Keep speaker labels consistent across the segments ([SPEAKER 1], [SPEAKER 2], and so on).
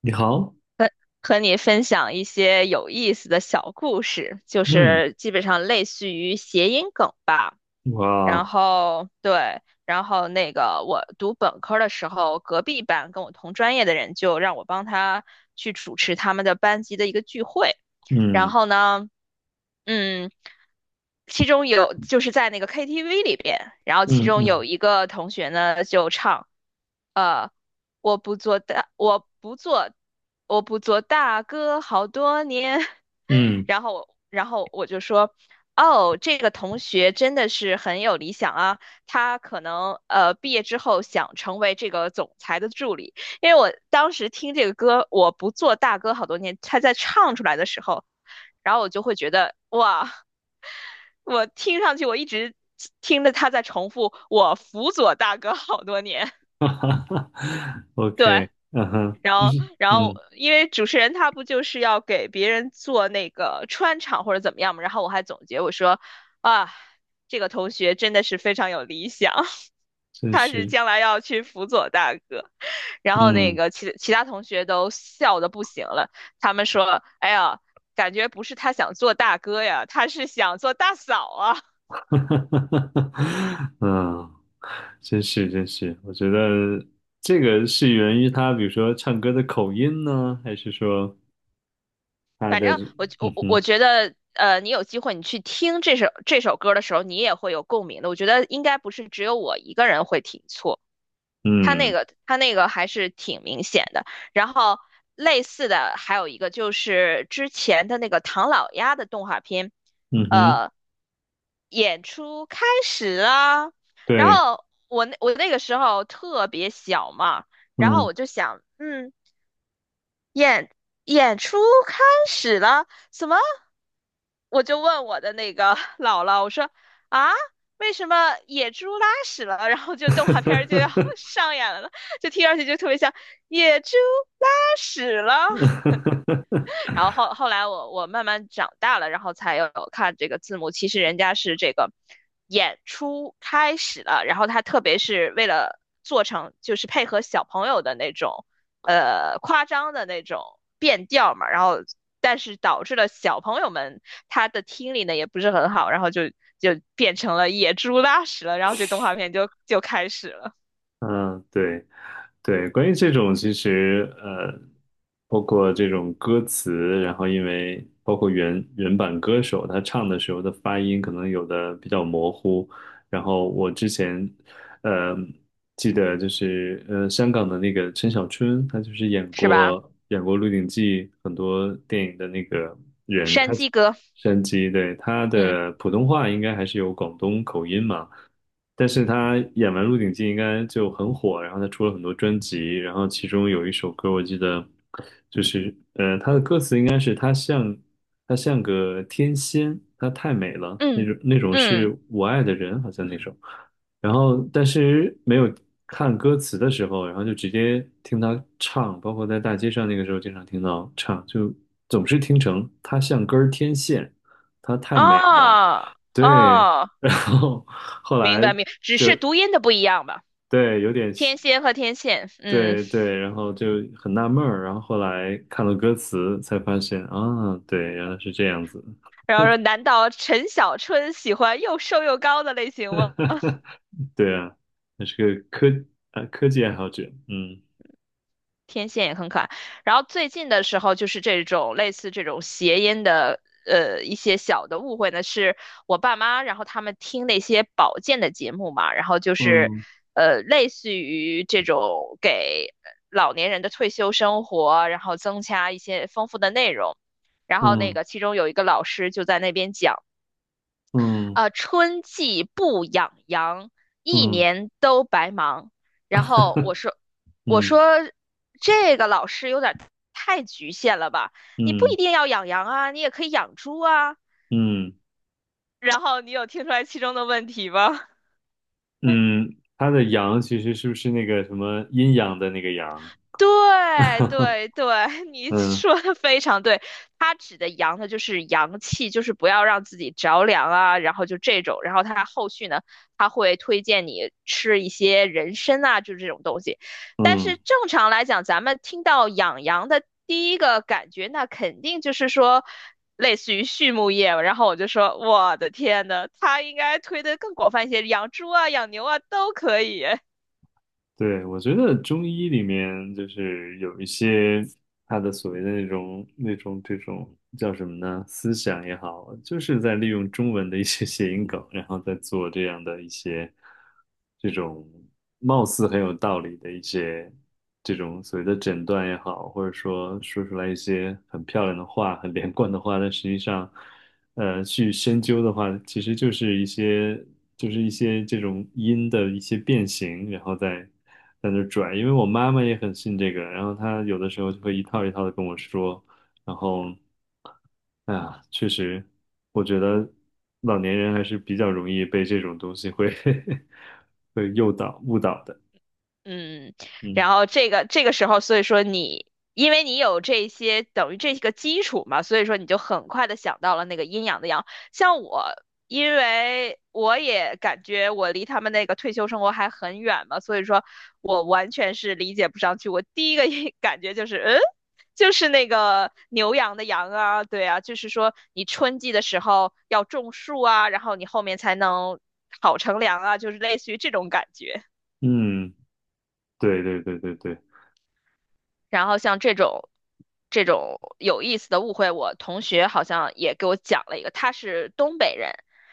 [SPEAKER 1] 你好，
[SPEAKER 2] 和你分享一些有意思的小故事，就
[SPEAKER 1] 嗯，
[SPEAKER 2] 是基本上类似于谐音梗吧。然
[SPEAKER 1] 哇，
[SPEAKER 2] 后对，然后那个我读本科的时候，隔壁班跟我同专业的人就让我帮他去主持他们的班级的一个聚会。然
[SPEAKER 1] 嗯
[SPEAKER 2] 后呢，嗯，其中有就是在那个 KTV 里边，然后其
[SPEAKER 1] 嗯
[SPEAKER 2] 中
[SPEAKER 1] 嗯
[SPEAKER 2] 有一个同学呢就唱。呃。我不做大，我不做，我不做大哥好多年。
[SPEAKER 1] 嗯，
[SPEAKER 2] 然后我就说，哦，这个同学真的是很有理想啊，他可能毕业之后想成为这个总裁的助理。因为我当时听这个歌，我不做大哥好多年，他在唱出来的时候，然后我就会觉得，哇，我听上去我一直听着他在重复，我辅佐大哥好多年。
[SPEAKER 1] 哈哈哈 ，OK，嗯哼，嗯
[SPEAKER 2] 然后
[SPEAKER 1] 嗯，
[SPEAKER 2] 因为主持人他不就是要给别人做那个穿场或者怎么样嘛，然后我还总结我说，啊，这个同学真的是非常有理想，
[SPEAKER 1] 真
[SPEAKER 2] 他是
[SPEAKER 1] 是，
[SPEAKER 2] 将来要去辅佐大哥。然后那
[SPEAKER 1] 嗯，
[SPEAKER 2] 个其他同学都笑的不行了，他们说，哎呀，感觉不是他想做大哥呀，他是想做大嫂啊。
[SPEAKER 1] 哈哈哈哈，嗯，真是真是，我觉得这个是源于他，比如说唱歌的口音呢，还是说他
[SPEAKER 2] 反
[SPEAKER 1] 的，
[SPEAKER 2] 正
[SPEAKER 1] 嗯
[SPEAKER 2] 我
[SPEAKER 1] 哼，
[SPEAKER 2] 觉得，你有机会你去听这首歌的时候，你也会有共鸣的。我觉得应该不是只有我一个人会听错，
[SPEAKER 1] 嗯
[SPEAKER 2] 他那个还是挺明显的。然后类似的还有一个就是之前的那个唐老鸭的动画片，
[SPEAKER 1] 嗯哼，
[SPEAKER 2] 呃，演出开始啦。然
[SPEAKER 1] 对，
[SPEAKER 2] 后我那个时候特别小嘛，然后
[SPEAKER 1] 嗯，
[SPEAKER 2] 我就想，嗯，演演出开始了，什么？我就问我的那个 姥姥，我说啊，为什么野猪拉屎了，然后 就动
[SPEAKER 1] 哈
[SPEAKER 2] 画
[SPEAKER 1] 哈
[SPEAKER 2] 片儿就要
[SPEAKER 1] 哈 哈
[SPEAKER 2] 上演了呢？就听上去就特别像野猪拉屎了。然后后来我慢慢长大了，然后才有看这个字幕。其实人家是这个演出开始了，然后他特别是为了做成就是配合小朋友的那种夸张的那种变调嘛，然后但是导致了小朋友们他的听力呢也不是很好，然后就变成了野猪拉屎了，然后这动画片就开始了，
[SPEAKER 1] 哈嗯 对。对，关于这种，其实包括这种歌词，然后因为包括原版歌手他唱的时候的发音，可能有的比较模糊。然后我之前呃记得就是香港的那个陈小春，他就是演
[SPEAKER 2] 是吧？
[SPEAKER 1] 过演过《鹿鼎记》很多电影的那个人，他
[SPEAKER 2] 山鸡哥，
[SPEAKER 1] 山鸡，对，他
[SPEAKER 2] 嗯
[SPEAKER 1] 的普通话应该还是有广东口音嘛。但是他演完《鹿鼎记》应该就很火，然后他出了很多专辑，然后其中有一首歌我记得就是他的歌词应该是他像个天仙，她太美了那
[SPEAKER 2] 嗯
[SPEAKER 1] 种那种
[SPEAKER 2] 嗯，
[SPEAKER 1] 是我爱的人，好像那首。然后但是没有看歌词的时候，然后就直接听他唱，包括在大街上那个时候经常听到唱，就总是听成他像根儿天线，她太美了，
[SPEAKER 2] 哦
[SPEAKER 1] 对，
[SPEAKER 2] 哦。
[SPEAKER 1] 然后后
[SPEAKER 2] 明
[SPEAKER 1] 来
[SPEAKER 2] 白明白，只
[SPEAKER 1] 就
[SPEAKER 2] 是读音的不一样吧。
[SPEAKER 1] 对有点
[SPEAKER 2] 天仙和天线，嗯，
[SPEAKER 1] 对对，然后就很纳闷儿，然后后来看了歌词才发现啊，对，原来是这样子，
[SPEAKER 2] 然后说，难道陈小春喜欢又瘦又高的类型吗？
[SPEAKER 1] 对啊，那是个科技爱好者，嗯
[SPEAKER 2] 天线也很可爱。然后最近的时候，就是这种类似这种谐音的，一些小的误会呢，是我爸妈，然后他们听那些保健的节目嘛，然后就是，
[SPEAKER 1] 嗯
[SPEAKER 2] 类似于这种给老年人的退休生活，然后增加一些丰富的内容。然后那
[SPEAKER 1] 嗯
[SPEAKER 2] 个其中有一个老师就在那边讲
[SPEAKER 1] 嗯
[SPEAKER 2] 啊，春季不养羊，一
[SPEAKER 1] 嗯
[SPEAKER 2] 年都白忙。然后我 说，我
[SPEAKER 1] 嗯
[SPEAKER 2] 说这个老师有点太局限了吧？你不
[SPEAKER 1] 嗯
[SPEAKER 2] 一定要养羊啊，你也可以养猪啊。
[SPEAKER 1] 嗯
[SPEAKER 2] 然后你有听出来其中的问题吗？
[SPEAKER 1] 嗯，他的阳其实是不是那个什么阴阳的那个阳？
[SPEAKER 2] 对 对对，你
[SPEAKER 1] 嗯
[SPEAKER 2] 说的非常对。它指的阳呢，就是阳气，就是不要让自己着凉啊，然后就这种。然后它后续呢，它会推荐你吃一些人参啊，就是这种东西。但是
[SPEAKER 1] 嗯
[SPEAKER 2] 正常来讲，咱们听到养羊的第一个感觉，那肯定就是说类似于畜牧业。然后我就说，我的天呐，它应该推的更广泛一些，养猪啊、养牛啊都可以。
[SPEAKER 1] 对，我觉得中医里面就是有一些他的所谓的那种这种叫什么呢？思想也好，就是在利用中文的一些 谐音梗，然后再做这样的一些这种貌似很有道理的一些这种所谓的诊断也好，或者说说出来一些很漂亮的话、很连贯的话，但实际上，去深究的话，其实就是一些这种音的一些变形，然后再在那儿拽，因为我妈妈也很信这个，然后她有的时候就会一套一套的跟我说，然后，哎呀，确实，我觉得老年人还是比较容易被这种东西会 会诱导、误导的，
[SPEAKER 2] 嗯，
[SPEAKER 1] 嗯
[SPEAKER 2] 然后这个时候，所以说你因为你有这些等于这个基础嘛，所以说你就很快的想到了那个阴阳的阳。像我，因为我也感觉我离他们那个退休生活还很远嘛，所以说我完全是理解不上去。我第一个 感觉就是，嗯，就是那个牛羊的羊啊，对啊，就是说你春季的时候要种树啊，然后你后面才能好乘凉啊，就是类似于这种感觉。
[SPEAKER 1] 嗯，对对对对对，
[SPEAKER 2] 然后像这种有意思的误会，我同学好像也给我讲了一个，他是东北人，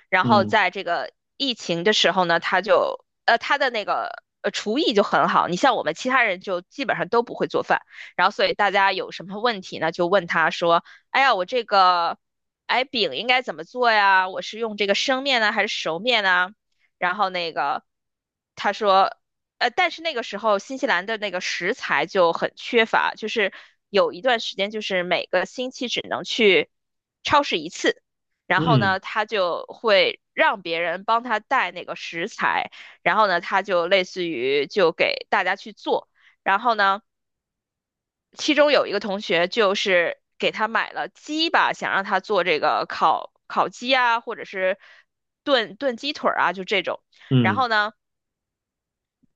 [SPEAKER 2] 然后
[SPEAKER 1] 嗯
[SPEAKER 2] 在这个疫情的时候呢，他就他的那个厨艺就很好，你像我们其他人就基本上都不会做饭，然后所以大家有什么问题呢，就问他说，哎呀，我这个。哎，饼应该怎么做呀？我是用这个生面呢，还是熟面呢？然后那个他说，但是那个时候新西兰的那个食材就很缺乏，就是有一段时间就是每个星期只能去超市一次，然后
[SPEAKER 1] 嗯
[SPEAKER 2] 呢，他就会让别人帮他带那个食材，然后呢，他就类似于就给大家去做，然后呢，其中有一个同学就是给他买了鸡吧，想让他做这个烤鸡啊，或者是炖鸡腿儿啊，就这种。然
[SPEAKER 1] 嗯
[SPEAKER 2] 后呢，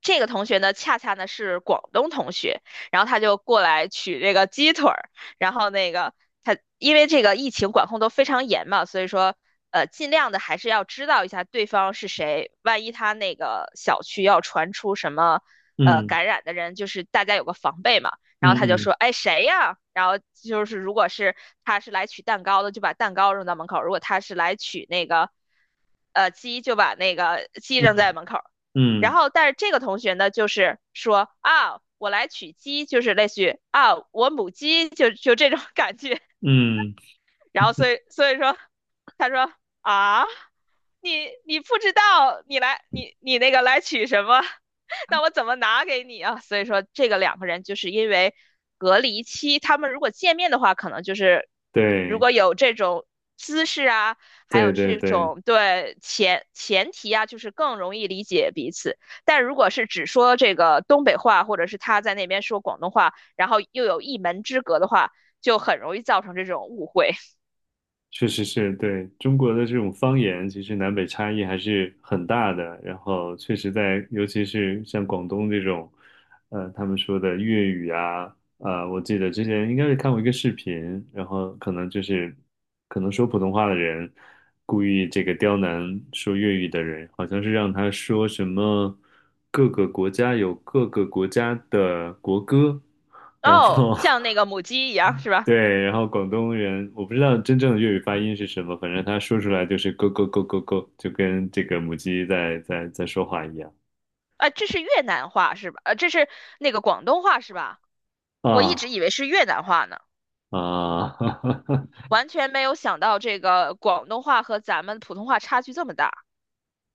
[SPEAKER 2] 这个同学呢，恰恰呢是广东同学，然后他就过来取这个鸡腿儿，然后那个他因为这个疫情管控都非常严嘛，所以说尽量的还是要知道一下对方是谁，万一他那个小区要传出什么
[SPEAKER 1] 嗯
[SPEAKER 2] 感染的人，就是大家有个防备嘛。然后
[SPEAKER 1] 嗯
[SPEAKER 2] 他就
[SPEAKER 1] 嗯
[SPEAKER 2] 说，哎谁呀？然后就是如果是他是来取蛋糕的，就把蛋糕扔到门口；如果他是来取那个。呃，鸡就把那个鸡
[SPEAKER 1] 嗯
[SPEAKER 2] 扔在门口，然
[SPEAKER 1] 嗯
[SPEAKER 2] 后，但是这个同学呢，就是说啊，我来取鸡，就是类似于啊，我母鸡，就这种感觉。
[SPEAKER 1] 嗯，
[SPEAKER 2] 然后
[SPEAKER 1] 嗯
[SPEAKER 2] 所以说，他说啊，你不知道，你那个来取什么？那我怎么拿给你啊？所以说，这个两个人就是因为隔离期，他们如果见面的话，可能就是如
[SPEAKER 1] 对
[SPEAKER 2] 果有这种姿势啊，还有
[SPEAKER 1] 对对
[SPEAKER 2] 这
[SPEAKER 1] 对。
[SPEAKER 2] 种对前提啊，就是更容易理解彼此。但如果是只说这个东北话，或者是他在那边说广东话，然后又有一门之隔的话，就很容易造成这种误会。
[SPEAKER 1] 确实是对中国的这种方言，其实南北差异还是很大的。然后确实在，尤其是像广东这种，他们说的粤语啊，我记得之前应该是看过一个视频，然后可能就是可能说普通话的人故意这个刁难说粤语的人，好像是让他说什么各个国家有各个国家的国歌。然
[SPEAKER 2] 哦，
[SPEAKER 1] 后
[SPEAKER 2] 像那个母 鸡一样是吧？
[SPEAKER 1] 对，然后广东人，我不知道真正的粤语发音是什么，反正他说出来就是咯咯咯咯咯，就跟这个母鸡在说话一样
[SPEAKER 2] 啊，这是越南话是吧？这是那个广东话是吧？我一直
[SPEAKER 1] 啊
[SPEAKER 2] 以为是越南话呢，
[SPEAKER 1] 啊！
[SPEAKER 2] 完全没有想到这个广东话和咱们普通话差距这么大。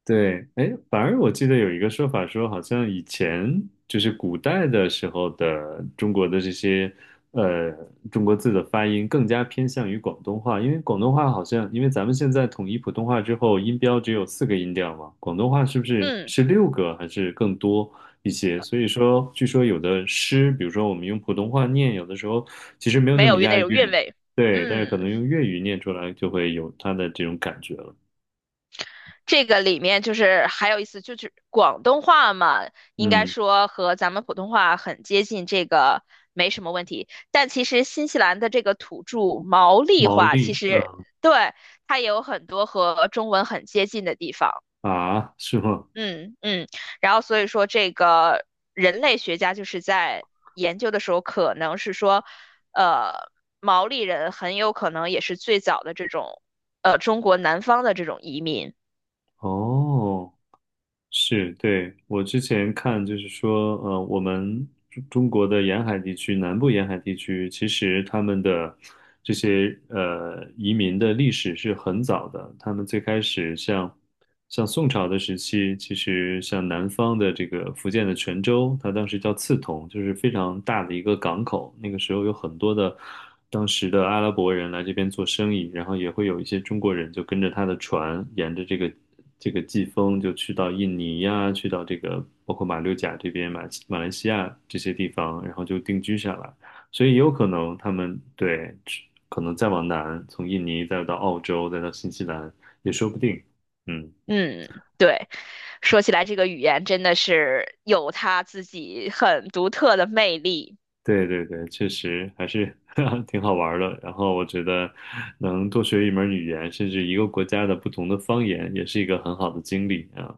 [SPEAKER 1] 对，哎，反而我记得有一个说法说，好像以前就是古代的时候的中国的这些呃中国字的发音更加偏向于广东话，因为广东话好像因为咱们现在统一普通话之后，音标只有四个音调嘛，广东话是不是
[SPEAKER 2] 嗯，
[SPEAKER 1] 是六个还是更多一些？所以说，据说有的诗，比如说我们用普通话念，有的时候其实没有那
[SPEAKER 2] 没有
[SPEAKER 1] 么押
[SPEAKER 2] 那
[SPEAKER 1] 韵，
[SPEAKER 2] 种韵味。
[SPEAKER 1] 对，但是可
[SPEAKER 2] 嗯。
[SPEAKER 1] 能用粤语念出来就会有它的这种感觉了。
[SPEAKER 2] 这个里面就是还有意思，就是广东话嘛，应该
[SPEAKER 1] 嗯，
[SPEAKER 2] 说和咱们普通话很接近，这个没什么问题。但其实新西兰的这个土著毛利
[SPEAKER 1] 毛
[SPEAKER 2] 话，其
[SPEAKER 1] 利，
[SPEAKER 2] 实
[SPEAKER 1] 嗯
[SPEAKER 2] 对它也有很多和中文很接近的地方。
[SPEAKER 1] 啊，是吗？
[SPEAKER 2] 嗯嗯，然后所以说这个人类学家就是在研究的时候，可能是说，呃，毛利人很有可能也是最早的这种，中国南方的这种移民。
[SPEAKER 1] 哦，是，对，我之前看就是说，我们中国的沿海地区，南部沿海地区，其实他们的这些移民的历史是很早的。他们最开始像宋朝的时期，其实像南方的这个福建的泉州，它当时叫刺桐，就是非常大的一个港口。那个时候有很多的当时的阿拉伯人来这边做生意，然后也会有一些中国人就跟着他的船，沿着这个季风就去到印尼呀，去到这个包括马六甲这边、马来西亚这些地方，然后就定居下来。所以也有可能他们对，可能再往南，从印尼再到澳洲，再到新西兰也说不定。嗯，
[SPEAKER 2] 嗯，对，说起来这个语言真的是有它自己很独特的魅力。
[SPEAKER 1] 对对对，确实还是 挺好玩儿的。然后我觉得能多学一门语言，甚至一个国家的不同的方言，也是一个很好的经历啊。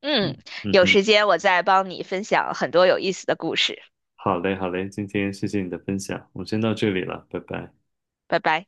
[SPEAKER 2] 嗯，
[SPEAKER 1] 嗯嗯
[SPEAKER 2] 有
[SPEAKER 1] 哼，
[SPEAKER 2] 时间我再帮你分享很多有意思的故事。
[SPEAKER 1] 好嘞好嘞，今天谢谢你的分享，我们先到这里了，拜拜。
[SPEAKER 2] 拜拜。